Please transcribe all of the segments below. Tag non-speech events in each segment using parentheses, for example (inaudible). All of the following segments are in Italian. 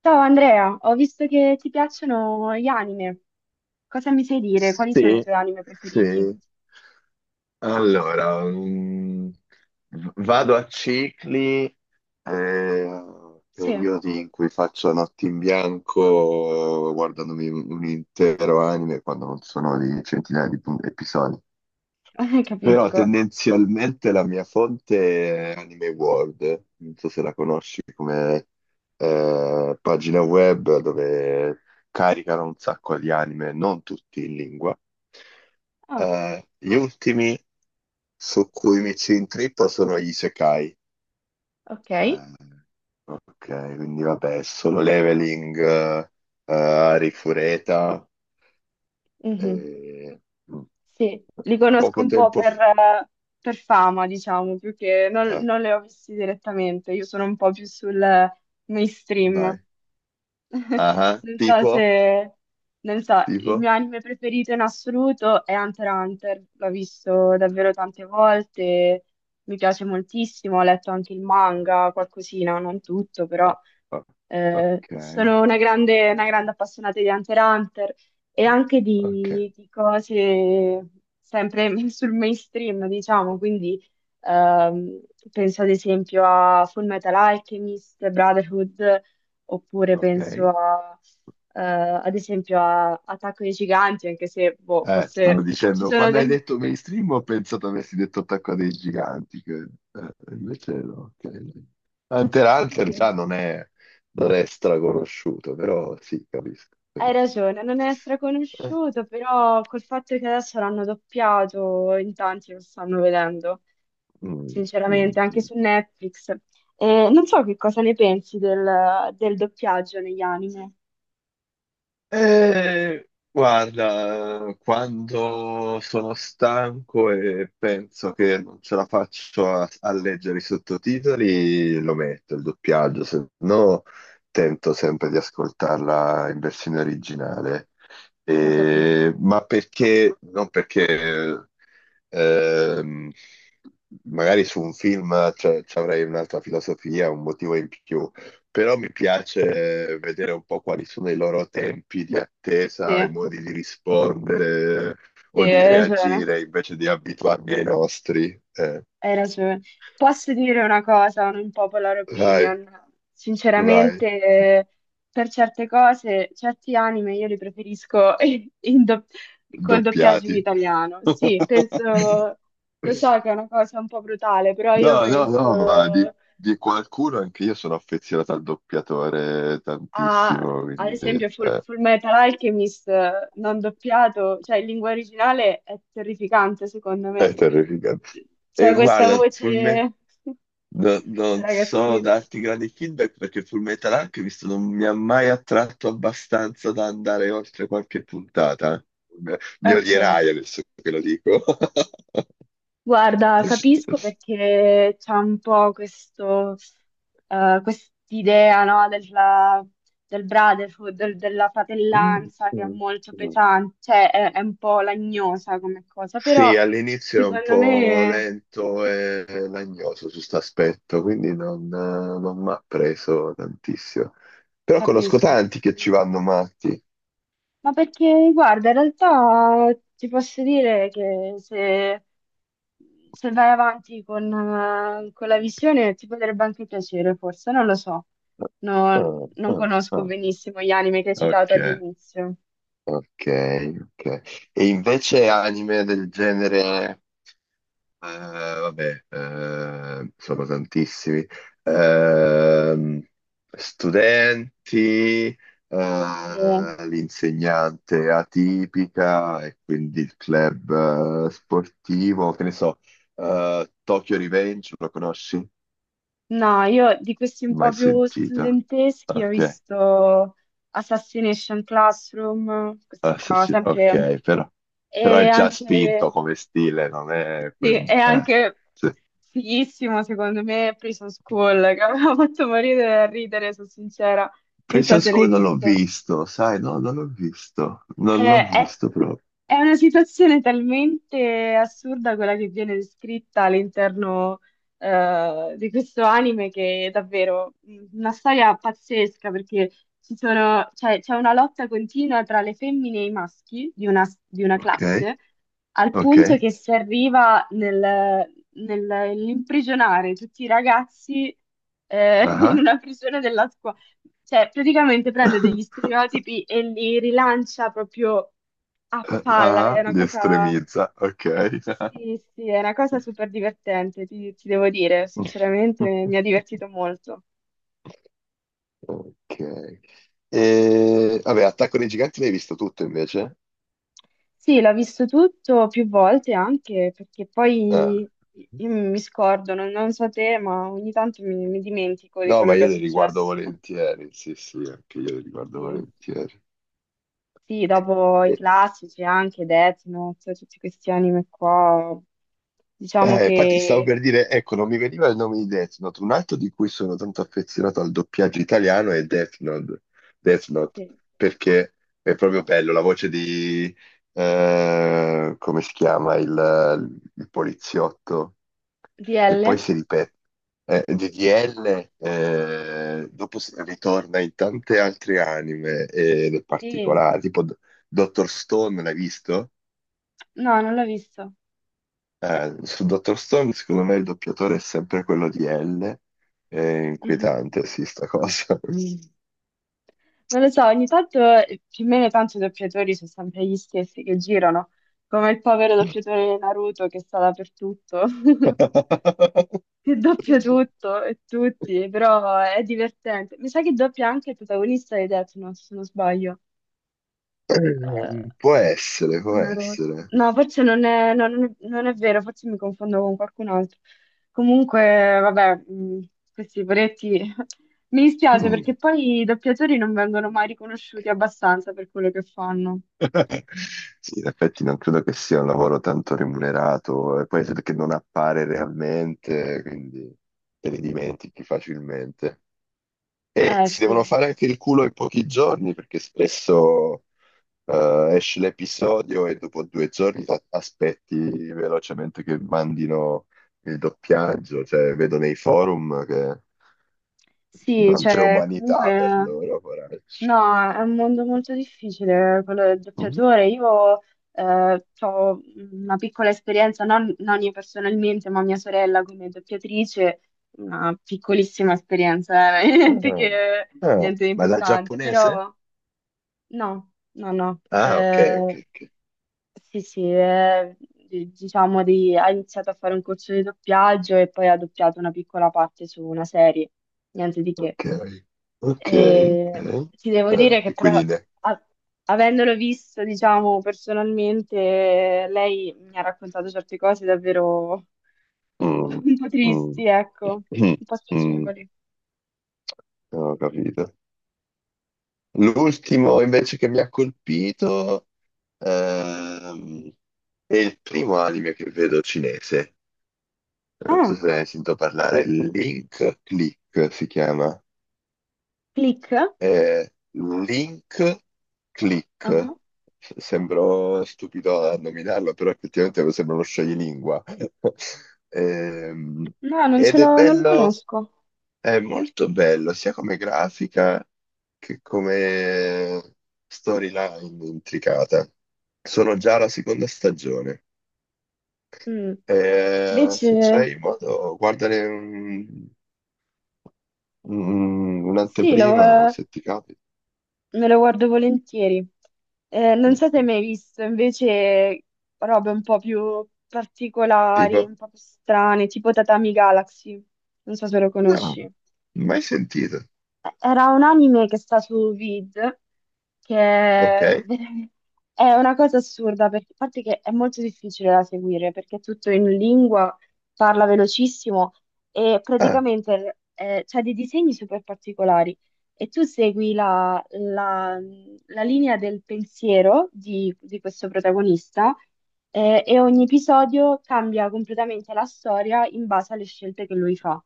Ciao Andrea, ho visto che ti piacciono gli anime. Cosa mi sai dire? Quali sono i Sì, tuoi anime preferiti? sì. Allora, vado a cicli, eh, Sì, periodi in cui faccio notti in bianco guardandomi un intero anime quando non sono di centinaia di episodi. (laughs) Però capisco. tendenzialmente la mia fonte è Anime World, non so se la conosci come pagina web dove caricano un sacco di anime, non tutti in lingua. Ah, Gli ultimi su cui mi ci intrippo sono gli Isekai. ok. Eh, ok, quindi vabbè, solo leveling, Rifureta. Mhm. eh, mm. Sì, li conosco Poco un po' tempo fa... per fama, diciamo, più che eh, non li ho visti direttamente. Io sono un po' più sul mainstream. Vai. (laughs) Ah, Non so tipo, se, non so, il mio tipo. anime preferito in assoluto è Hunter x Hunter, l'ho visto davvero tante volte, mi piace moltissimo, ho letto anche il manga, qualcosina, non tutto, Ah, però ah, ok, sono una grande appassionata di Hunter x Hunter e anche ok, di cose sempre (laughs) sul mainstream, diciamo, quindi ehm, penso ad esempio a Full Metal Alchemist, Brotherhood, oppure ok. Ad esempio a Attacco dei Giganti, anche se boh, Stavo forse ci dicendo, sono quando hai del... detto mainstream ho pensato avessi detto Attacco dei Giganti, che, invece no. Ok. Hunter (laughs) x Hunter sì, già non è straconosciuto, però sì, capisco, hai capisco. ragione, non è Eh, straconosciuto, però col fatto che adesso l'hanno doppiato in tanti lo stanno vedendo. mm, Sinceramente, mm, anche mm. su Netflix. E non so che cosa ne pensi del doppiaggio negli anime. Guarda, quando sono stanco e penso che non ce la faccio a leggere i sottotitoli, lo metto il doppiaggio, se no tento sempre di ascoltarla in versione originale. Ho capito. Ma perché, non perché ehm, magari su un film ci avrei un'altra filosofia, un motivo in più, però mi piace vedere un po' quali sono i loro tempi di Sì, attesa, i modi di rispondere sì, o di hai ragione, reagire invece di abituarmi ai nostri. Hai ragione. Posso dire una cosa, un unpopular Vai, opinion. vai, Sinceramente, per certe cose, certi anime io li preferisco (laughs) in do- col doppiaggio in doppiati. italiano. Sì, penso, (laughs) lo so che è una cosa un po' brutale, però io No, no, no, ma penso. di qualcuno anche io sono affezionato al doppiatore A, tantissimo, ad quindi esempio, eh, Full Metal Alchemist non doppiato, cioè in lingua originale è terrificante, secondo me. è terrificante. C'è E questa guarda, Full, Me- voce (laughs) No- da non so ragazzino. darti grandi feedback perché Fullmetal Alchemist non mi ha mai attratto abbastanza da andare oltre qualche puntata. Mi mi Ok. odierai adesso che lo dico. (laughs) Guarda, capisco perché c'è un po' questo, quest'idea, no, del della fratellanza che è molto pesante, cioè è un po' lagnosa come cosa, però Sì, all'inizio è un secondo po' me lento e lagnoso su questo aspetto, quindi non mi ha preso tantissimo. Però conosco capisco. tanti che ci vanno matti. Ma perché, guarda, in realtà ti posso dire che se vai avanti con la visione ti potrebbe anche piacere, forse, non lo so. No, Ah, non ah, conosco ah. benissimo gli anime che hai citato Ok. all'inizio. Ok, ok. E invece anime del genere, vabbè, sono tantissimi. Ehm, Studenti, Eh, l'insegnante atipica e quindi il club sportivo, che ne so, Tokyo Revenge, lo conosci? no, io di questi un po' Mai più sentita. studenteschi ho Ok, visto Assassination Classroom, questi ah, sì, qua, sì, sempre, ok, però è e già anche. spinto come stile, non è Sì, quel... è anche sì. fighissimo secondo me Prison School, che mi ha (laughs) fatto morire da ridere, sono sincera. Non so Precious se l'hai School non l'ho visto. visto, sai, no, non l'ho visto, non l'ho Eh, è, visto proprio. è una situazione talmente assurda quella che viene descritta all'interno di questo anime che è davvero una storia pazzesca perché cioè, c'è una lotta continua tra le femmine e i maschi di di una Ok, classe al ok, punto che si arriva nell'imprigionare tutti i ragazzi (laughs) in ah, una prigione della squadra, cioè, praticamente prende degli (laughs) stereotipi e li rilancia proprio a palla. ah, È una li cosa, estremizza, ok. sì, sì, è una cosa super divertente, ti devo dire. (laughs) Sinceramente, mi ha divertito molto. Ok. E, vabbè, Attacco dei Giganti l'hai visto tutto invece? Sì, l'ho visto tutto più volte anche perché Ah, poi io mi scordo, non so te, ma ogni tanto mi dimentico di no, ma quello che è io le riguardo successo. volentieri, sì, sì, anche io le riguardo Sì. volentieri. Sì, dopo i classici anche Death Note, tutti questi anime qua, diciamo Infatti stavo che. per dire, ecco, non mi veniva il nome di Death Note, un altro di cui sono tanto affezionato al doppiaggio italiano è Death Note, Sì. perché è proprio bello la voce come si chiama, il poliziotto, che DL? poi si ripete, di DDL, ritorna in tante altre anime ed è Sì. particolare, Dr. Stone, l'hai visto? No, non l'ho visto. Su Dr. Stone, secondo me il doppiatore è sempre quello di L. È Mhm. inquietante, sì, sta cosa. Non lo so, ogni tanto più o meno tanto i doppiatori sono sempre gli stessi che girano, come il povero doppiatore di Naruto che sta dappertutto, (laughs) (laughs) che doppia tutto e tutti, però è divertente. Mi sa che doppia anche il protagonista di Death Note, se non sbaglio. Può essere, può Una rosa. essere. No, forse non è, no, non è vero, forse mi confondo con qualcun altro. Comunque, vabbè, questi poretti (laughs) mi dispiace Mm. perché poi i doppiatori non vengono mai riconosciuti abbastanza per quello che fanno. (laughs) Sì, in effetti non credo che sia un lavoro tanto remunerato, e poi perché non appare realmente, quindi te li dimentichi facilmente. E Eh si devono sì. fare anche il culo in pochi giorni, perché spesso esce l'episodio e dopo due giorni aspetti velocemente che mandino il doppiaggio, cioè vedo nei forum che Sì, non c'è cioè, umanità per comunque, loro, poracci. no, è un mondo molto difficile quello del doppiatore. Io ho una piccola esperienza, non io personalmente, ma mia sorella come doppiatrice, una piccolissima esperienza, (laughs) Ah, ah, niente di ma dal importante, giapponese? però no, no, no. Ah, ok, ok, ok. Sì, sì, diciamo di, ha iniziato a fare un corso di doppiaggio e poi ha doppiato una piccola parte su una serie, niente di che. Ok, ok, E ok. ti devo dire Eh, che e però, quindi ne... a- avendolo visto, diciamo, personalmente, lei mi ha raccontato certe cose davvero (laughs) Mm, un po' mm, tristi, ecco, (clears throat) mm, un po' mm, spiacevoli. ho capito. L'ultimo invece che mi ha colpito... Ehm, è il primo anime che vedo cinese. Non so Ah, se ne hai sentito parlare. Link Click si chiama. Click? È Link Click. Ah. Sembro stupido a nominarlo, però effettivamente sembra uno scioglilingua. (laughs) Ehm, No, non ce Ed è l'ho, non lo bello, conosco. è molto bello, sia come grafica che come storyline intricata. Sono già alla seconda stagione. Mm. E se Invece, c'hai modo, sì, lo, un'anteprima o se ti capita. me lo guardo volentieri. Non Mm, so se hai mm. mai visto invece robe un po' più particolari, Tipo, un po' più strane, tipo Tatami Galaxy. Non so se lo no, conosci. mai sentito. Era un anime che sta su Vid, che Ok. è veramente- è una cosa assurda, perché, a parte che è molto difficile da seguire, perché è tutto in lingua, parla velocissimo e Ah, praticamente c'ha dei disegni super particolari e tu segui la linea del pensiero di questo protagonista e ogni episodio cambia completamente la storia in base alle scelte che lui fa.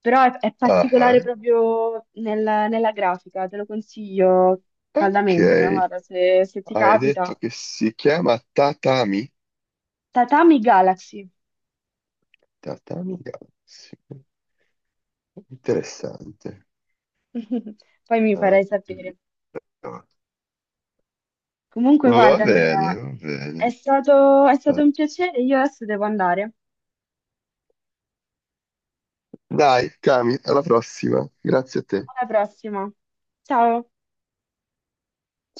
Però è particolare ah, proprio nella grafica, te lo consiglio ah. caldamente, ma Ok. guarda, se ti Hai capita. detto che si chiama Tatami? Tatami Galaxy, Tatami Galaxy. Interessante. (laughs) poi mi Allora. farai sapere. Comunque, Va guarda, bene, Andrea, va bene. È stato un piacere, io adesso devo andare. Dai, Cami, alla prossima. Grazie a te. Alla prossima. Ciao.